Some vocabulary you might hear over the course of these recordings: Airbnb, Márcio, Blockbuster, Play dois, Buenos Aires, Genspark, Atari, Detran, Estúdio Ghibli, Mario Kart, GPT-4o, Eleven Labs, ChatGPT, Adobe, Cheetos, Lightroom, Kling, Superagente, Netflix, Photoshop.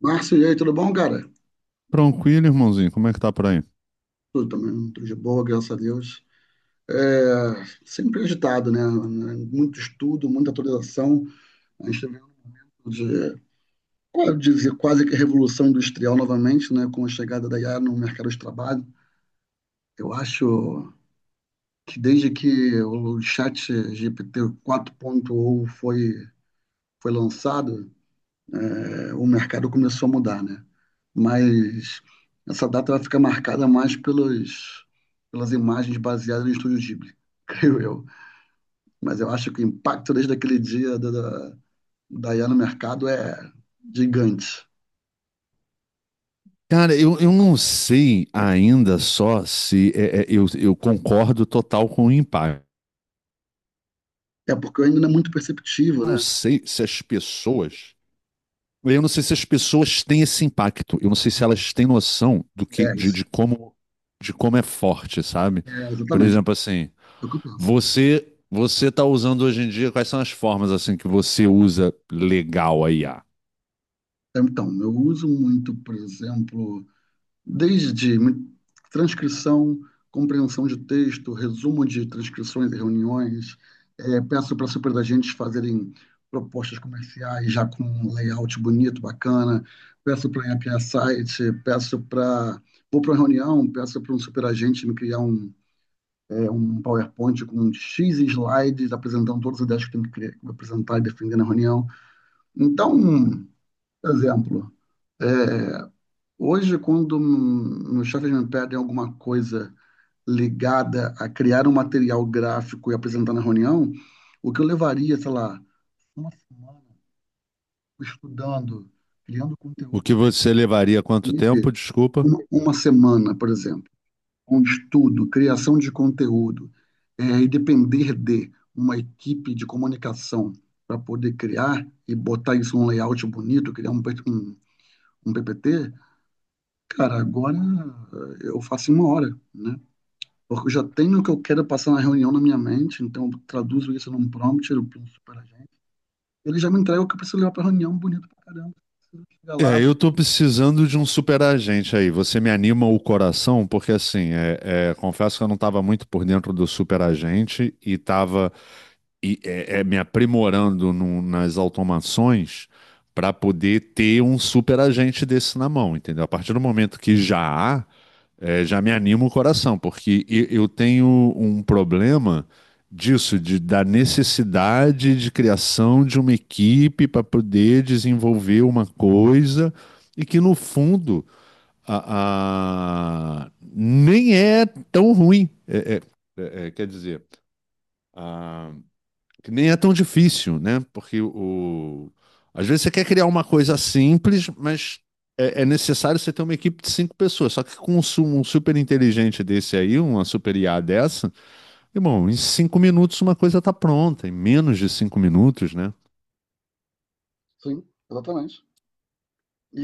Márcio, e aí, tudo bom, cara? Tranquilo, irmãozinho, como é que tá por aí? Tudo também, tudo de boa, graças a Deus. É, sempre agitado, né? Muito estudo, muita atualização. A gente está vendo de, quase dizer, quase que revolução industrial novamente, né? Com a chegada da IA no mercado de trabalho. Eu acho que desde que o chat GPT 4.0 foi lançado, o mercado começou a mudar, né? Mas essa data vai ficar marcada mais pelas imagens baseadas no Estúdio Ghibli, creio eu. Mas eu acho que o impacto desde aquele dia da IA no mercado é gigante. Cara, eu não sei ainda só se é, eu concordo total com o impacto. É porque ainda não é muito perceptivo, Eu não né? sei se as pessoas. Eu não sei se as pessoas têm esse impacto. Eu não sei se elas têm noção do que, É isso. De como é forte, sabe? É, Por exatamente. exemplo, assim, É o que eu penso. você você tá usando hoje em dia, quais são as formas assim que você usa legal a IA? Então, eu uso muito, por exemplo, desde transcrição, compreensão de texto, resumo de transcrições e reuniões. Peço para super da gente fazerem propostas comerciais já com um layout bonito, bacana. Peço para eu criar site, peço para. Vou para uma reunião, peço para um superagente me criar um PowerPoint com um X slides apresentando todas as ideias que tem que criar, apresentar e defender na reunião. Então, por exemplo, é, Hoje, quando meus chefes me pedem alguma coisa ligada a criar um material gráfico e apresentar na reunião, o que eu levaria, sei lá, uma semana estudando, criando O que conteúdo, você levaria quanto equipe, tempo? Desculpa. uma semana, por exemplo, com estudo, criação de conteúdo, e depender de uma equipe de comunicação para poder criar e botar isso num layout bonito, criar um PPT, cara, agora eu faço em uma hora, né? Porque eu já tenho o que eu quero passar na reunião na minha mente, então eu traduzo isso num prompt, eu penso para a gente. Ele já me entrega o que eu preciso levar para a reunião, bonito pra caramba. Preciso chegar lá. É, eu tô precisando de um super agente aí. Você me anima o coração, porque assim, confesso que eu não estava muito por dentro do super agente e tava me aprimorando nas automações para poder ter um super agente desse na mão, entendeu? A partir do momento que já há, já me anima o coração, porque eu tenho um problema disso, da necessidade de criação de uma equipe para poder desenvolver uma coisa e que, no fundo, nem é tão ruim. Quer dizer, que nem é tão difícil, né? Às vezes você quer criar uma coisa simples, mas é necessário você ter uma equipe de cinco pessoas. Só que com um super inteligente desse aí, uma super IA dessa, irmão, em 5 minutos uma coisa tá pronta, em menos de 5 minutos, né? Sim, exatamente.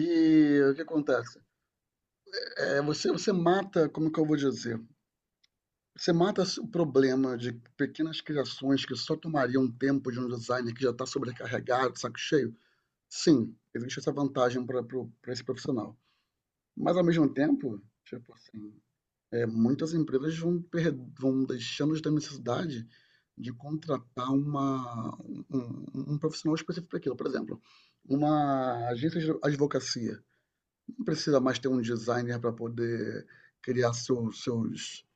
E o que acontece? Você mata, como que eu vou dizer? Você mata o problema de pequenas criações que só tomariam tempo de um designer que já está sobrecarregado, saco cheio. Sim, existe essa vantagem para esse profissional. Mas ao mesmo tempo, tipo assim, muitas empresas vão deixando de ter necessidade de contratar um profissional específico para aquilo. Por exemplo, uma agência de advocacia não precisa mais ter um designer para poder criar seu- seus,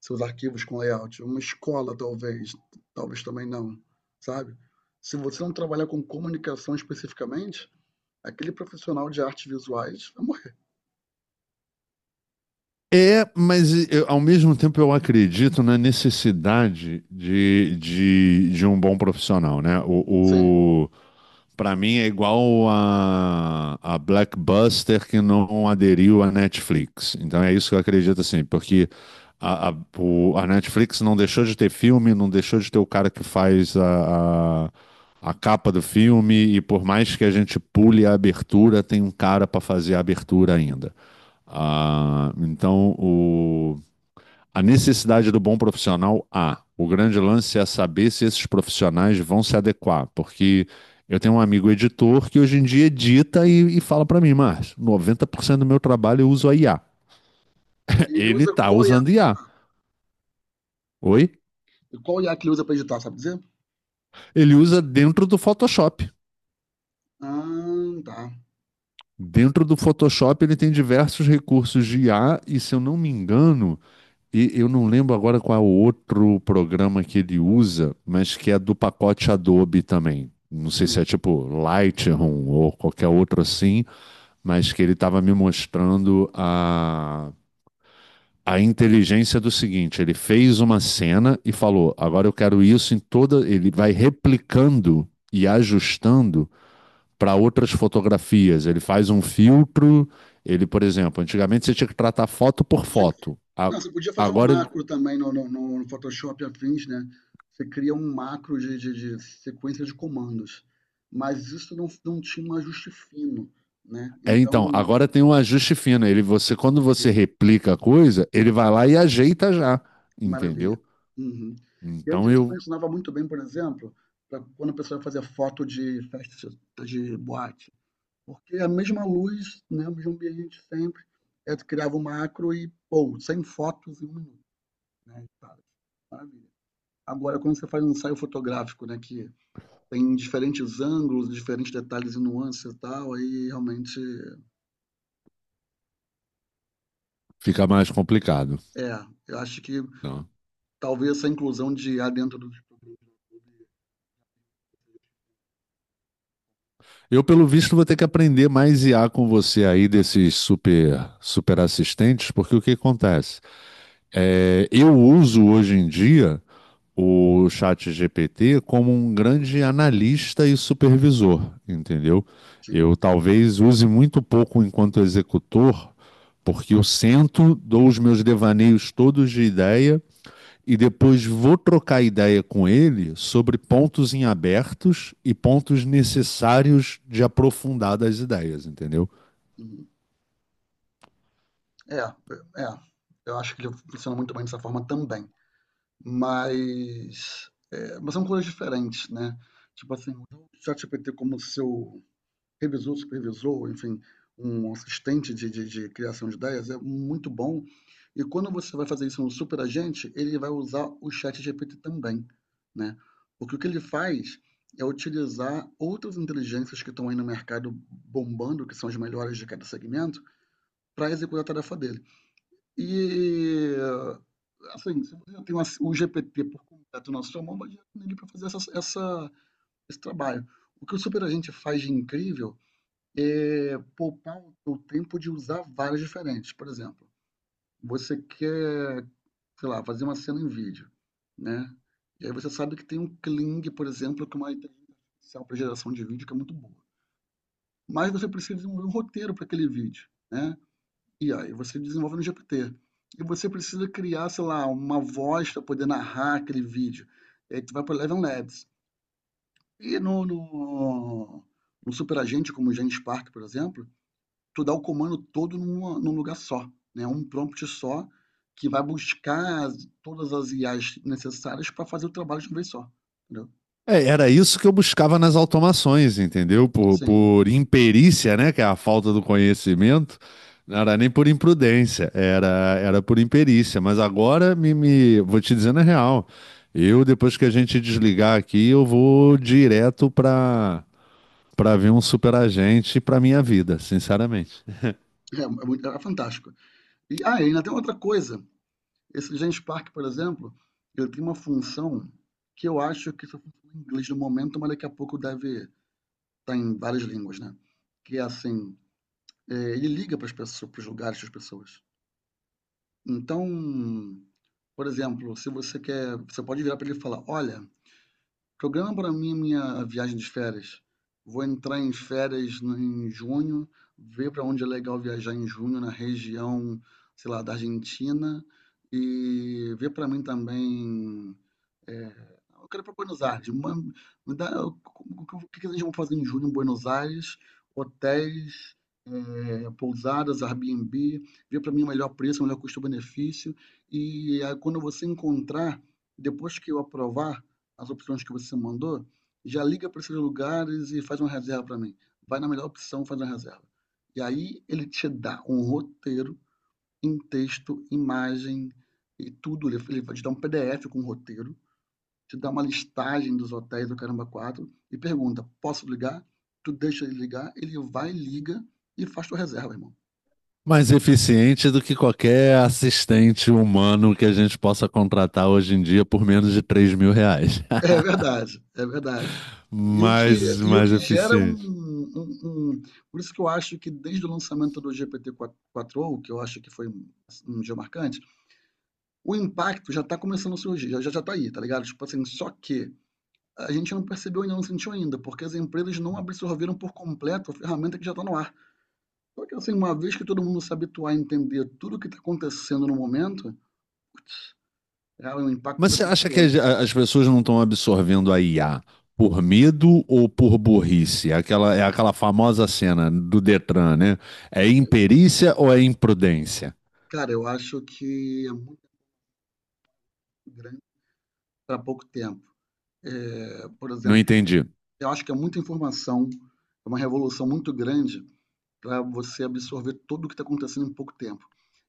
seus arquivos com layout. Uma escola, talvez, talvez também não, sabe? Se você não trabalhar com comunicação especificamente, aquele profissional de artes visuais vai morrer. É, mas ao mesmo tempo eu acredito na necessidade de um bom profissional, né? Sim. Pra mim é igual a Blackbuster que não aderiu à Netflix. Então é isso que eu acredito assim, porque a Netflix não deixou de ter filme, não deixou de ter o cara que faz a capa do filme, e por mais que a gente pule a abertura, tem um cara para fazer a abertura ainda. Ah, então, a necessidade do bom profissional há. O grande lance é saber se esses profissionais vão se adequar, porque eu tenho um amigo editor que hoje em dia edita e fala para mim, mas cento do meu trabalho eu uso a IA. E ele Ele usa está qual IA, usando IA. Oi? qual IA que ele usa para editar, sabe dizer? Ele usa dentro do Photoshop. Ah, tá. Dentro do Photoshop ele tem diversos recursos de IA e se eu não me engano, e eu não lembro agora qual é o outro programa que ele usa, mas que é do pacote Adobe também. Não sei se é Hum. tipo Lightroom ou qualquer outro assim, mas que ele estava me mostrando a inteligência do seguinte: ele fez uma cena e falou, agora eu quero isso em toda. Ele vai replicando e ajustando para outras fotografias. Ele faz um filtro. Ele, por exemplo, antigamente você tinha que tratar foto por Eu tinha que foto. A- não, você podia fazer um Agora ele macro também no Photoshop e afins, né. Você cria um macro de sequência de comandos, mas isso não tinha um ajuste fino, né, É, então então, agora tem um ajuste fino. Ele, você, quando você maravilha, replica a coisa, ele vai lá e ajeita já, maravilha. entendeu? Uhum. E Então antes isso eu funcionava muito bem, por exemplo, para quando a pessoa fazia foto de festa de boate, porque a mesma luz, né, o mesmo ambiente sempre, aí tu criava um macro e, pô, 100 fotos em um minuto, né. Maravilha. Agora, quando você faz um ensaio fotográfico, né, que tem diferentes ângulos, diferentes detalhes e nuances e tal, aí realmente fica mais complicado. é. Eu acho que Então, talvez essa inclusão de A dentro do eu, pelo visto, vou ter que aprender mais I a com você aí desses super super assistentes, porque o que acontece? É, eu uso hoje em dia o chat GPT como um grande analista e supervisor, entendeu? Sim. Eu talvez use muito pouco enquanto executor, porque eu sento, dou os meus devaneios todos de ideia e depois vou trocar ideia com ele sobre pontos em abertos e pontos necessários de aprofundar das ideias, entendeu? Uhum. É, é. É. Eu acho que ele funciona muito bem dessa forma também. Mas, mas são coisas diferentes, né? Tipo assim, o ChatGPT como seu revisor, supervisor, enfim, um assistente de criação de ideias é muito bom. E quando você vai fazer isso no superagente, ele vai usar o chat GPT também, né? Porque o que ele faz é utilizar outras inteligências que estão aí no mercado bombando, que são as melhores de cada segmento, para executar a tarefa dele. E, assim, se você tem o GPT por completo na sua mão, vai nele para fazer esse trabalho. O que o superagente faz de incrível poupar o tempo de usar várias diferentes. Por exemplo, você quer, sei lá, fazer uma cena em vídeo, né, e aí você sabe que tem um Kling, por exemplo, que é uma inteligência artificial para geração de vídeo que é muito boa. Mas você precisa desenvolver um roteiro para aquele vídeo, né, e aí você desenvolve no GPT. E você precisa criar, sei lá, uma voz para poder narrar aquele vídeo. E aí tu vai para o Eleven Labs. E no Superagente, como o Genspark, por exemplo, tu dá o comando todo num lugar só, né? Um prompt só que vai buscar todas as IAs necessárias para fazer o trabalho de uma vez só, entendeu? É, era isso que eu buscava nas automações, entendeu? Por, Sim, por imperícia, né? Que é a falta do conhecimento. Não era nem por imprudência, era por imperícia. Mas agora me vou te dizendo a real. Eu, depois que a gente desligar aqui, eu vou direto para ver um superagente para minha vida, sinceramente. é fantástico. E ainda tem outra coisa. Esse Genspark, por exemplo, ele tem uma função que eu acho que só funciona em inglês no momento, mas daqui a pouco deve estar em várias línguas, né? Que é assim, ele liga para as pessoas, para os lugares das pessoas. Então, por exemplo, se você quer, você pode virar para ele e falar, olha, programa para mim a minha viagem de férias. Vou entrar em férias em junho, ver para onde é legal viajar em junho na região, sei lá, da Argentina e ver para mim também é, eu quero ir para Buenos Aires. Ma- me dá- o que que vocês vão fazer em julho em Buenos Aires? Hotéis, pousadas, Airbnb. Vê para mim o melhor preço, o melhor custo-benefício. E aí, quando você encontrar, depois que eu aprovar as opções que você mandou, já liga para esses lugares e faz uma reserva para mim. Vai na melhor opção, faz uma reserva. E aí ele te dá um roteiro em texto, imagem e tudo. Ele vai te dar um PDF com um roteiro, te dá uma listagem dos hotéis do Caramba 4 e pergunta: posso ligar? Tu deixa ele ligar, ele vai, liga e faz tua reserva, irmão. Mais eficiente do que qualquer assistente humano que a gente possa contratar hoje em dia por menos de R$ 3.000. É verdade, é verdade. E o que, mais, e o mais que gera eficiente. Por isso que eu acho que desde o lançamento do GPT-4o, que eu acho que foi um dia marcante, o impacto já está começando a surgir, já, já já tá aí, tá ligado? Tipo assim, só que a gente não percebeu ainda, não sentiu ainda, porque as empresas não absorveram por completo a ferramenta que já está no ar. Só que assim, uma vez que todo mundo se habituar a entender tudo o que está acontecendo no momento, cara, o impacto Mas vai você ser acha que monstruoso. as, as pessoas não estão absorvendo a IA por medo ou por burrice? Aquela, é aquela famosa cena do Detran, né? É imperícia ou é imprudência? Cara, eu acho que é muito grande para pouco tempo. Por Não exemplo, entendi. eu acho que é muita informação, é uma revolução muito grande para você absorver tudo o que está acontecendo em pouco tempo.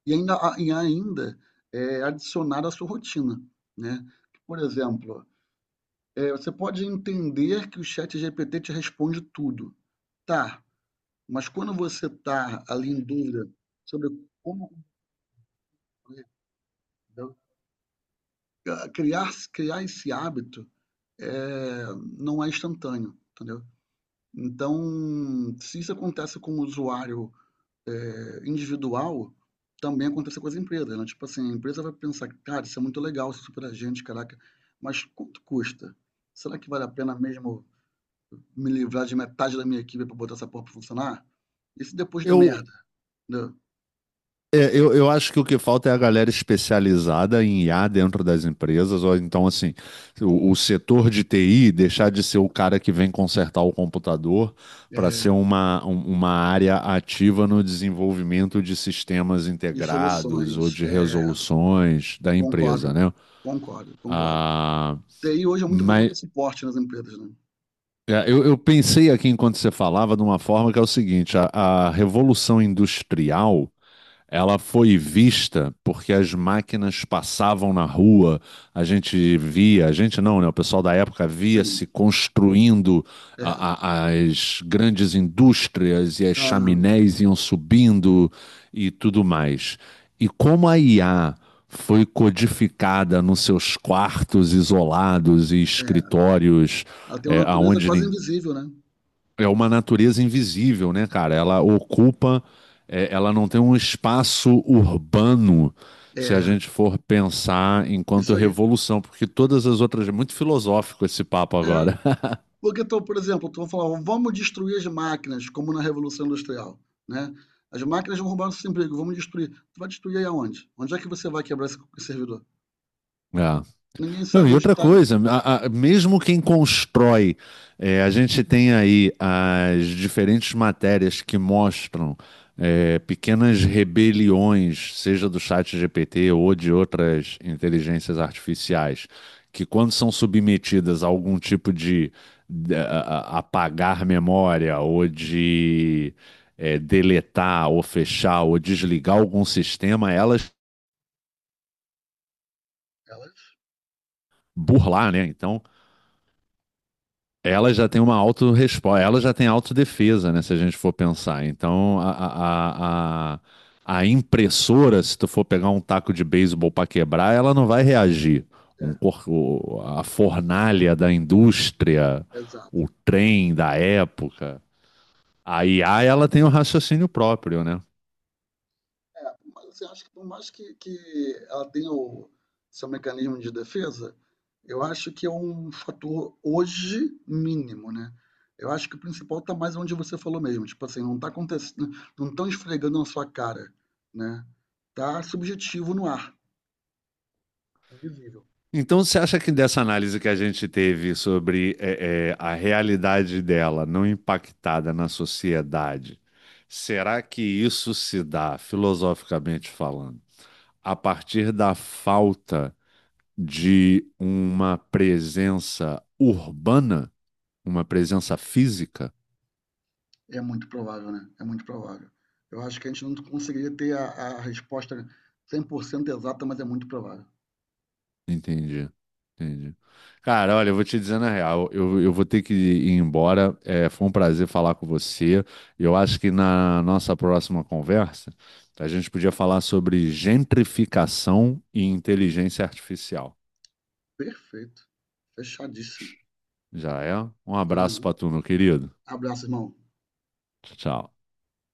E ainda, adicionar à sua rotina, né? Por exemplo, você pode entender que o chat GPT te responde tudo. Tá, mas quando você está ali em dúvida sobre como concluir, entendeu? Criar esse hábito é, não é instantâneo, entendeu? Então, se isso acontece com o usuário individual, também acontece com as empresas, né? Tipo assim, a empresa vai pensar, cara, isso é muito legal, isso é super agente, caraca, mas quanto custa? Será que vale a pena mesmo me livrar de metade da minha equipe para botar essa porra para funcionar? Isso depois da Eu merda, entendeu? eu acho que o que falta é a galera especializada em IA dentro das empresas, ou então, assim, o setor de TI deixar de ser o cara que vem consertar o computador É, para ser uma, uma área ativa no desenvolvimento de sistemas e integrados ou soluções. de É, resoluções da empresa, Concordo, né? concordo, concordo. Ah, TI hoje é muito voltada para mas suporte nas empresas, né. eu pensei aqui enquanto você falava de uma forma que é o seguinte: a revolução industrial. Ela foi vista porque as máquinas passavam na rua, a gente via, a gente não, né? O pessoal da época via Sim, se construindo é. As grandes indústrias e as Aham, chaminés iam subindo e tudo mais. E como a IA foi codificada nos seus quartos isolados e é. escritórios, Ela tem uma é, natureza aonde quase nin- invisível, né. é uma natureza invisível, né, cara? Ela ocupa, ela não tem um espaço urbano, É, se a gente for pensar enquanto isso aí. revolução, porque todas as outras. É muito filosófico esse papo É, agora. porque então, por exemplo, tu vai falar: "Vamos destruir as máquinas", como na Revolução Industrial, né. "As máquinas vão roubar nossos empregos, vamos destruir". Tu vai destruir aí aonde? Onde é que você vai quebrar esse servidor? É. Ninguém Não, sabe e onde outra está. coisa, mesmo quem constrói, a gente tem aí as diferentes matérias que mostram pequenas rebeliões, seja do chat GPT ou de outras inteligências artificiais, que quando são submetidas a algum tipo de, de- a- apagar memória ou de deletar ou fechar ou desligar algum sistema, elas Elas burlar, né? Então, ela já tem uma autorresposta, ela já tem autodefesa, né? Se a gente for pensar. Então, a impressora, se tu for pegar um taco de beisebol para quebrar, ela não vai reagir. é, A fornalha da indústria, exato. o trem da época. A IA, ela tem um raciocínio próprio, né? É, mas eu acho que por mais que ela tenha o seu mecanismo de defesa, eu acho que é um fator hoje mínimo, né? Eu acho que o principal tá mais onde você falou mesmo, tipo assim, não tá acontecendo, não estão esfregando na sua cara, né? Tá subjetivo no ar, é visível. Então, você acha que dessa análise que a gente teve sobre a realidade dela não impactada na sociedade, será que isso se dá, filosoficamente falando, a partir da falta de uma presença urbana, uma presença física? É muito provável, né? É muito provável. Eu acho que a gente não conseguiria ter a resposta 100% exata, mas é muito provável. Entendi, entendi. Cara, olha, eu vou te dizer na real, eu vou ter que ir embora. É, foi um prazer falar com você. Eu acho que na nossa próxima conversa, a gente podia falar sobre gentrificação e inteligência artificial. Perfeito. Fechadíssimo. Já é? Um abraço Uhum. pra tu, meu querido. Abraço, irmão. Tchau.